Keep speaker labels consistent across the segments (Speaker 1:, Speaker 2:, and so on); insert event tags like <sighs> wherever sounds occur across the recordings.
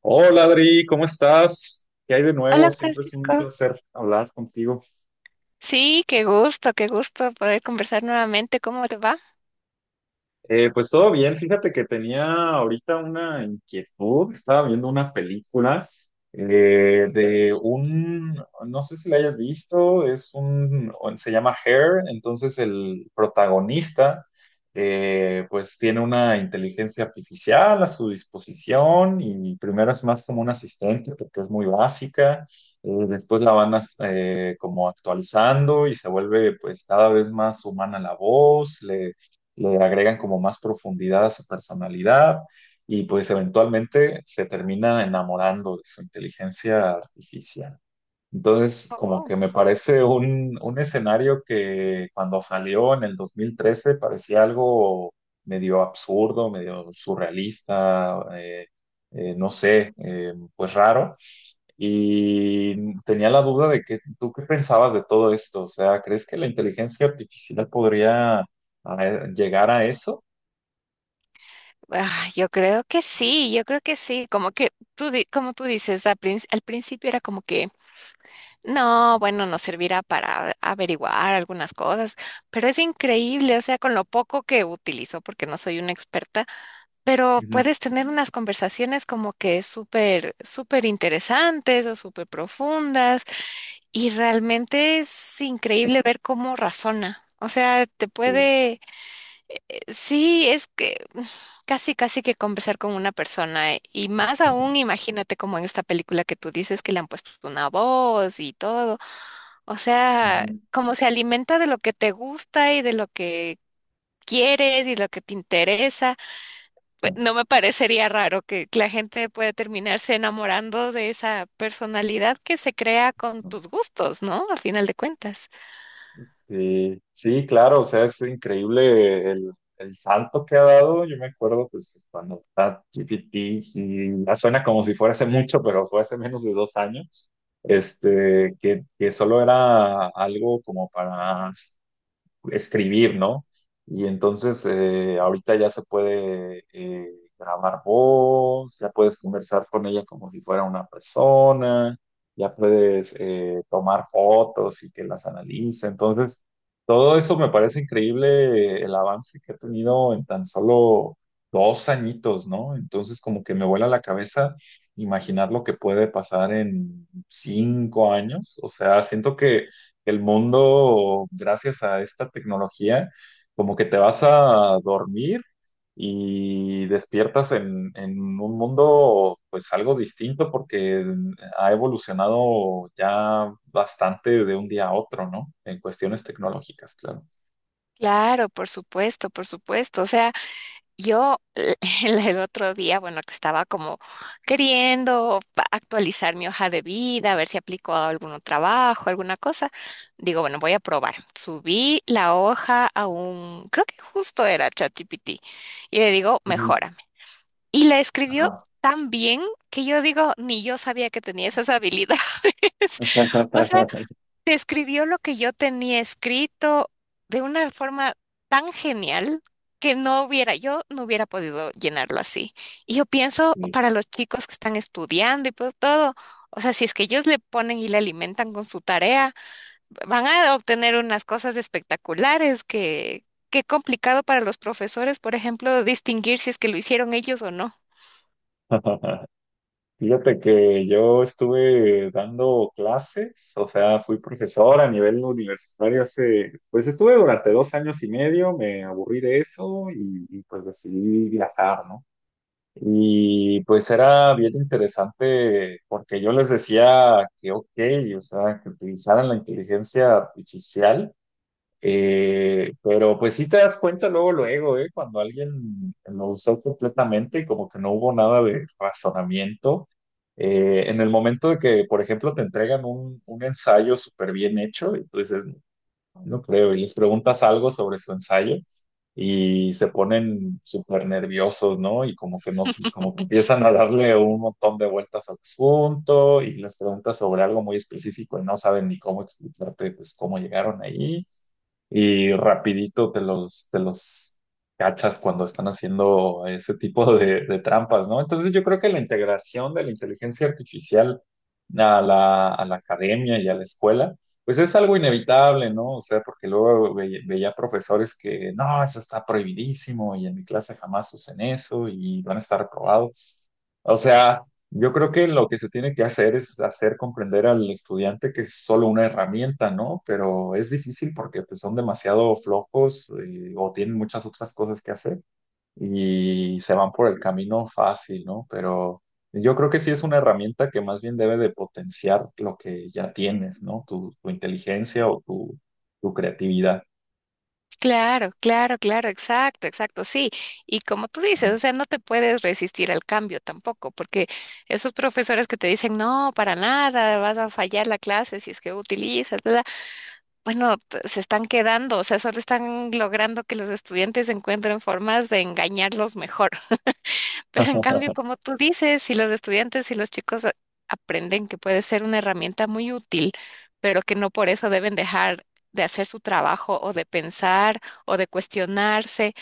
Speaker 1: Hola Adri, ¿cómo estás? ¿Qué hay de nuevo?
Speaker 2: Hola,
Speaker 1: Siempre es un
Speaker 2: Francisco.
Speaker 1: placer hablar contigo.
Speaker 2: Sí, qué gusto poder conversar nuevamente. ¿Cómo te va?
Speaker 1: Pues todo bien, fíjate que tenía ahorita una inquietud. Estaba viendo una película eh, de un, no sé si la hayas visto, se llama Hair. Entonces el protagonista pues tiene una inteligencia artificial a su disposición, y primero es más como un asistente porque es muy básica. Después la van como actualizando y se vuelve pues cada vez más humana la voz. Le agregan como más profundidad a su personalidad, y pues eventualmente se termina enamorando de su inteligencia artificial. Entonces,
Speaker 2: Oh,
Speaker 1: como
Speaker 2: wow.
Speaker 1: que me parece un escenario que cuando salió en el 2013 parecía algo medio absurdo, medio surrealista. No sé, pues raro. Y tenía la duda de que tú qué pensabas de todo esto. O sea, ¿crees que la inteligencia artificial podría llegar a eso?
Speaker 2: Ah, yo creo que sí, yo creo que sí. Como que tú, como tú dices, al, al principio era como que, no, bueno, nos servirá para averiguar algunas cosas, pero es increíble, o sea, con lo poco que utilizo, porque no soy una experta, pero
Speaker 1: Ujú.
Speaker 2: puedes tener unas conversaciones como que súper, súper interesantes o súper profundas. Y realmente es increíble ver cómo razona. O sea, te
Speaker 1: Sí.
Speaker 2: puede, sí, es que <sighs> casi, casi que conversar con una persona. Y más aún,
Speaker 1: Ujú.
Speaker 2: imagínate como en esta película que tú dices que le han puesto una voz y todo. O sea, como se alimenta de lo que te gusta y de lo que quieres y lo que te interesa. Pues no me parecería raro que la gente pueda terminarse enamorando de esa personalidad que se crea con tus gustos, ¿no? A final de cuentas.
Speaker 1: Sí, sí, claro, o sea, es increíble el salto que ha dado. Yo me acuerdo, pues, cuando ChatGPT, y ya suena como si fuera hace mucho, pero fue hace menos de 2 años, este, que solo era algo como para escribir, ¿no? Y entonces ahorita ya se puede grabar voz, ya puedes conversar con ella como si fuera una persona, ya puedes tomar fotos y que las analice. Entonces, todo eso me parece increíble el avance que ha tenido en tan solo 2 añitos, ¿no? Entonces, como que me vuela la cabeza imaginar lo que puede pasar en 5 años. O sea, siento que el mundo, gracias a esta tecnología, como que te vas a dormir y despiertas en un mundo pues algo distinto porque ha evolucionado ya bastante de un día a otro, ¿no? En cuestiones tecnológicas, claro.
Speaker 2: Claro, por supuesto, por supuesto. O sea, yo <laughs> el otro día, bueno, que estaba como queriendo actualizar mi hoja de vida, a ver si aplico a algún trabajo, alguna cosa. Digo, bueno, voy a probar. Subí la hoja a un, creo que justo era ChatGPT, y le digo,
Speaker 1: Ujú.
Speaker 2: mejórame. Y la escribió
Speaker 1: Ajá.
Speaker 2: tan bien que yo digo, ni yo sabía que tenía esas habilidades. <laughs> O sea,
Speaker 1: <laughs>
Speaker 2: te escribió lo que yo tenía escrito de una forma tan genial que no hubiera, yo no hubiera podido llenarlo así. Y yo pienso
Speaker 1: Sí.
Speaker 2: para los chicos que están estudiando y pues todo, o sea, si es que ellos le ponen y le alimentan con su tarea, van a obtener unas cosas espectaculares que, qué complicado para los profesores, por ejemplo, distinguir si es que lo hicieron ellos o no.
Speaker 1: <laughs> Fíjate que yo estuve dando clases, o sea, fui profesor a nivel universitario hace, pues estuve durante 2 años y medio, me aburrí de eso pues decidí viajar, ¿no? Y pues era bien interesante porque yo les decía que, ok, o sea, que utilizaran la inteligencia artificial, pero pues sí te das cuenta luego, luego, cuando alguien lo usó completamente, como que no hubo nada de razonamiento. En el momento de que, por ejemplo, te entregan un ensayo súper bien hecho, y tú dices, no creo, y les preguntas algo sobre su ensayo y se ponen súper nerviosos, ¿no? Y como que no,
Speaker 2: <laughs>
Speaker 1: como que empiezan a darle un montón de vueltas al asunto y les preguntas sobre algo muy específico y no saben ni cómo explicarte, pues, cómo llegaron ahí, y rapidito te los cachas cuando están haciendo ese tipo de trampas, ¿no? Entonces yo creo que la integración de la inteligencia artificial a la academia y a la escuela, pues es algo inevitable, ¿no? O sea, porque luego veía profesores que, no, eso está prohibidísimo y en mi clase jamás usen eso y van a estar reprobados. O sea. Yo creo que lo que se tiene que hacer es hacer comprender al estudiante que es solo una herramienta, ¿no? Pero es difícil porque pues, son demasiado flojos, o tienen muchas otras cosas que hacer, y se van por el camino fácil, ¿no? Pero yo creo que sí es una herramienta que más bien debe de potenciar lo que ya tienes, ¿no? Tu inteligencia o tu creatividad.
Speaker 2: Claro, claro, claro, exacto, exacto, sí. Y como tú dices,
Speaker 1: Ajá.
Speaker 2: o sea, no te puedes resistir al cambio tampoco, porque esos profesores que te dicen, no, para nada, vas a fallar la clase si es que utilizas, bla, bla", bueno, se están quedando, o sea, solo están logrando que los estudiantes encuentren formas de engañarlos mejor. Pero en cambio,
Speaker 1: <laughs>
Speaker 2: como tú dices, si los estudiantes y los chicos aprenden que puede ser una herramienta muy útil, pero que no por eso deben dejar de hacer su trabajo o de pensar o de cuestionarse,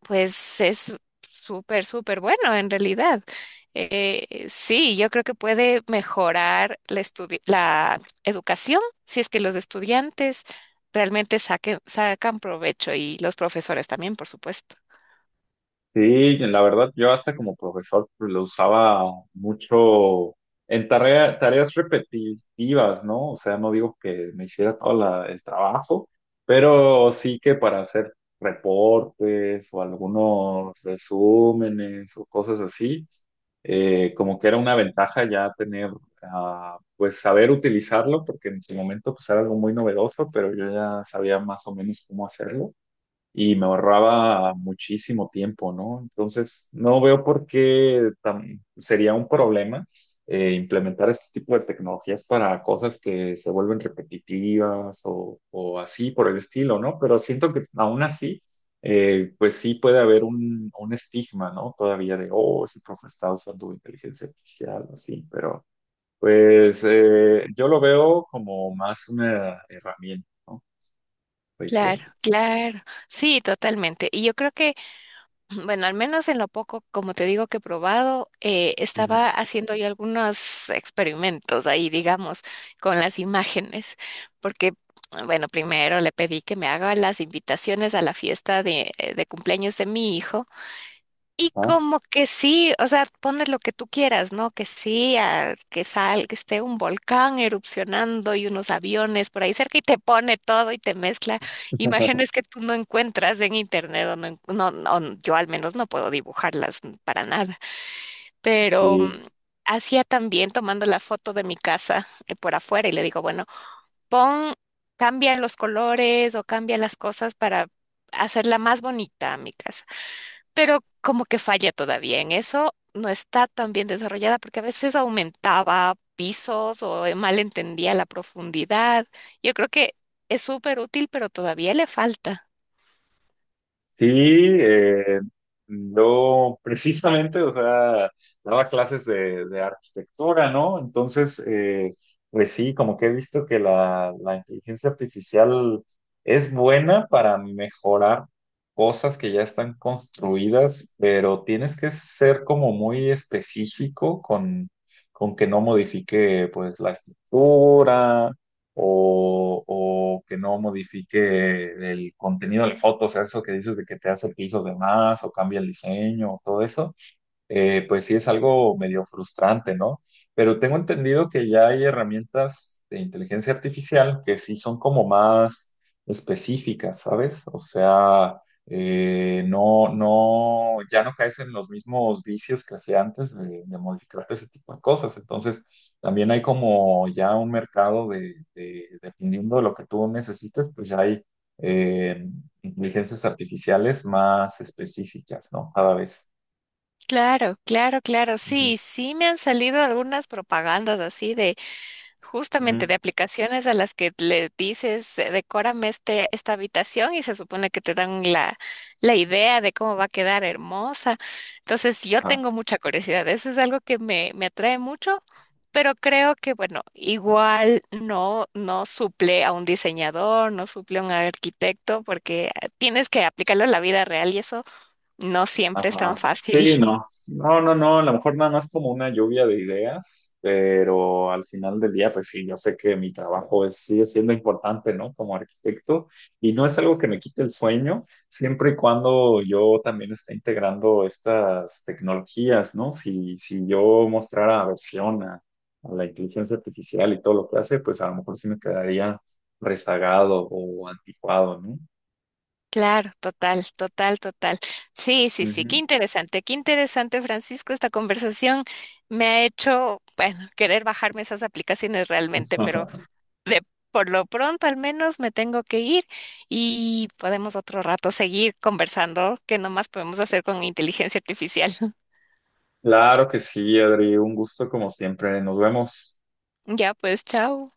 Speaker 2: pues es súper, súper bueno en realidad. Sí, yo creo que puede mejorar la, la educación si es que los estudiantes realmente sacan provecho y los profesores también, por supuesto.
Speaker 1: Sí, la verdad, yo hasta como profesor pues, lo usaba mucho en tareas repetitivas, ¿no? O sea, no digo que me hiciera todo el trabajo, pero sí que para hacer reportes o algunos resúmenes o cosas así, como que era una ventaja ya tener, pues saber utilizarlo, porque en su momento pues era algo muy novedoso, pero yo ya sabía más o menos cómo hacerlo y me ahorraba muchísimo tiempo, ¿no? Entonces, no veo por qué sería un problema implementar este tipo de tecnologías para cosas que se vuelven repetitivas o, así por el estilo, ¿no? Pero siento que aún así, pues sí puede haber un estigma, ¿no? Todavía de, oh, ese profe está usando inteligencia artificial, así, pero pues yo lo veo como más una herramienta, ¿no?
Speaker 2: Claro,
Speaker 1: Reitero.
Speaker 2: claro, sí, totalmente. Y yo creo que, bueno, al menos en lo poco, como te digo, que he probado,
Speaker 1: Ujú.
Speaker 2: estaba haciendo yo algunos experimentos ahí, digamos, con las imágenes, porque, bueno, primero le pedí que me haga las invitaciones a la fiesta de cumpleaños de mi hijo. Y
Speaker 1: Ajá.
Speaker 2: como que sí, o sea, pones lo que tú quieras, ¿no? Que sí, que sal, que esté un volcán erupcionando y unos aviones por ahí cerca y te pone todo y te mezcla imágenes
Speaker 1: <laughs>
Speaker 2: que tú no encuentras en internet o no, no, no, yo al menos no puedo dibujarlas para nada. Pero
Speaker 1: Sí.
Speaker 2: hacía también tomando la foto de mi casa por afuera y le digo, bueno, pon, cambia los colores o cambia las cosas para hacerla más bonita a mi casa, pero como que falla todavía en eso, no está tan bien desarrollada porque a veces aumentaba pisos o mal entendía la profundidad. Yo creo que es súper útil, pero todavía le falta.
Speaker 1: Sí, eh, yo precisamente, o sea, daba clases de arquitectura, ¿no? Entonces, pues sí, como que he visto que la inteligencia artificial es buena para mejorar cosas que ya están construidas, pero tienes que ser como muy específico con que no modifique, pues, la estructura, o que no modifique el contenido de la foto. O sea, eso que dices de que te hace pisos de más o cambia el diseño o todo eso, pues sí es algo medio frustrante, ¿no? Pero tengo entendido que ya hay herramientas de inteligencia artificial que sí son como más específicas, ¿sabes? O sea, no, no, ya no caes en los mismos vicios que hacía antes de modificarte ese tipo de cosas. Entonces, también hay como ya un mercado dependiendo de lo que tú necesites, pues ya hay eh, inteligencias artificiales más específicas, ¿no? Cada vez.
Speaker 2: Claro, claro, claro,
Speaker 1: Ujú.
Speaker 2: sí, sí me han salido algunas propagandas así de justamente de
Speaker 1: Ujú.
Speaker 2: aplicaciones a las que le dices, decórame este, esta habitación y se supone que te dan la, la idea de cómo va a quedar hermosa. Entonces yo
Speaker 1: Ah,
Speaker 2: tengo mucha curiosidad, eso es algo que me atrae mucho, pero creo que bueno, igual no, no suple a un diseñador, no suple a un arquitecto, porque tienes que aplicarlo a la vida real y eso no siempre es tan
Speaker 1: ajá.
Speaker 2: fácil.
Speaker 1: Sí, no.
Speaker 2: <laughs>
Speaker 1: No, no, no. A lo mejor nada más como una lluvia de ideas, pero al final del día, pues sí, yo sé que mi trabajo es, sigue siendo importante, ¿no? Como arquitecto, y no es algo que me quite el sueño, siempre y cuando yo también esté integrando estas tecnologías, ¿no? Si, si yo mostrara aversión a la inteligencia artificial y todo lo que hace, pues a lo mejor sí me quedaría rezagado o anticuado, ¿no?
Speaker 2: Claro, total, total, total. Sí, sí, sí,
Speaker 1: Ujú.
Speaker 2: qué interesante, Francisco. Esta conversación me ha hecho, bueno, querer bajarme esas aplicaciones realmente, pero
Speaker 1: <laughs>
Speaker 2: de por lo pronto al menos me tengo que ir y podemos otro rato seguir conversando, que nomás podemos hacer con inteligencia artificial. <laughs>
Speaker 1: Claro que sí, Adri, un gusto como siempre. Nos vemos.
Speaker 2: Ya, pues, chao.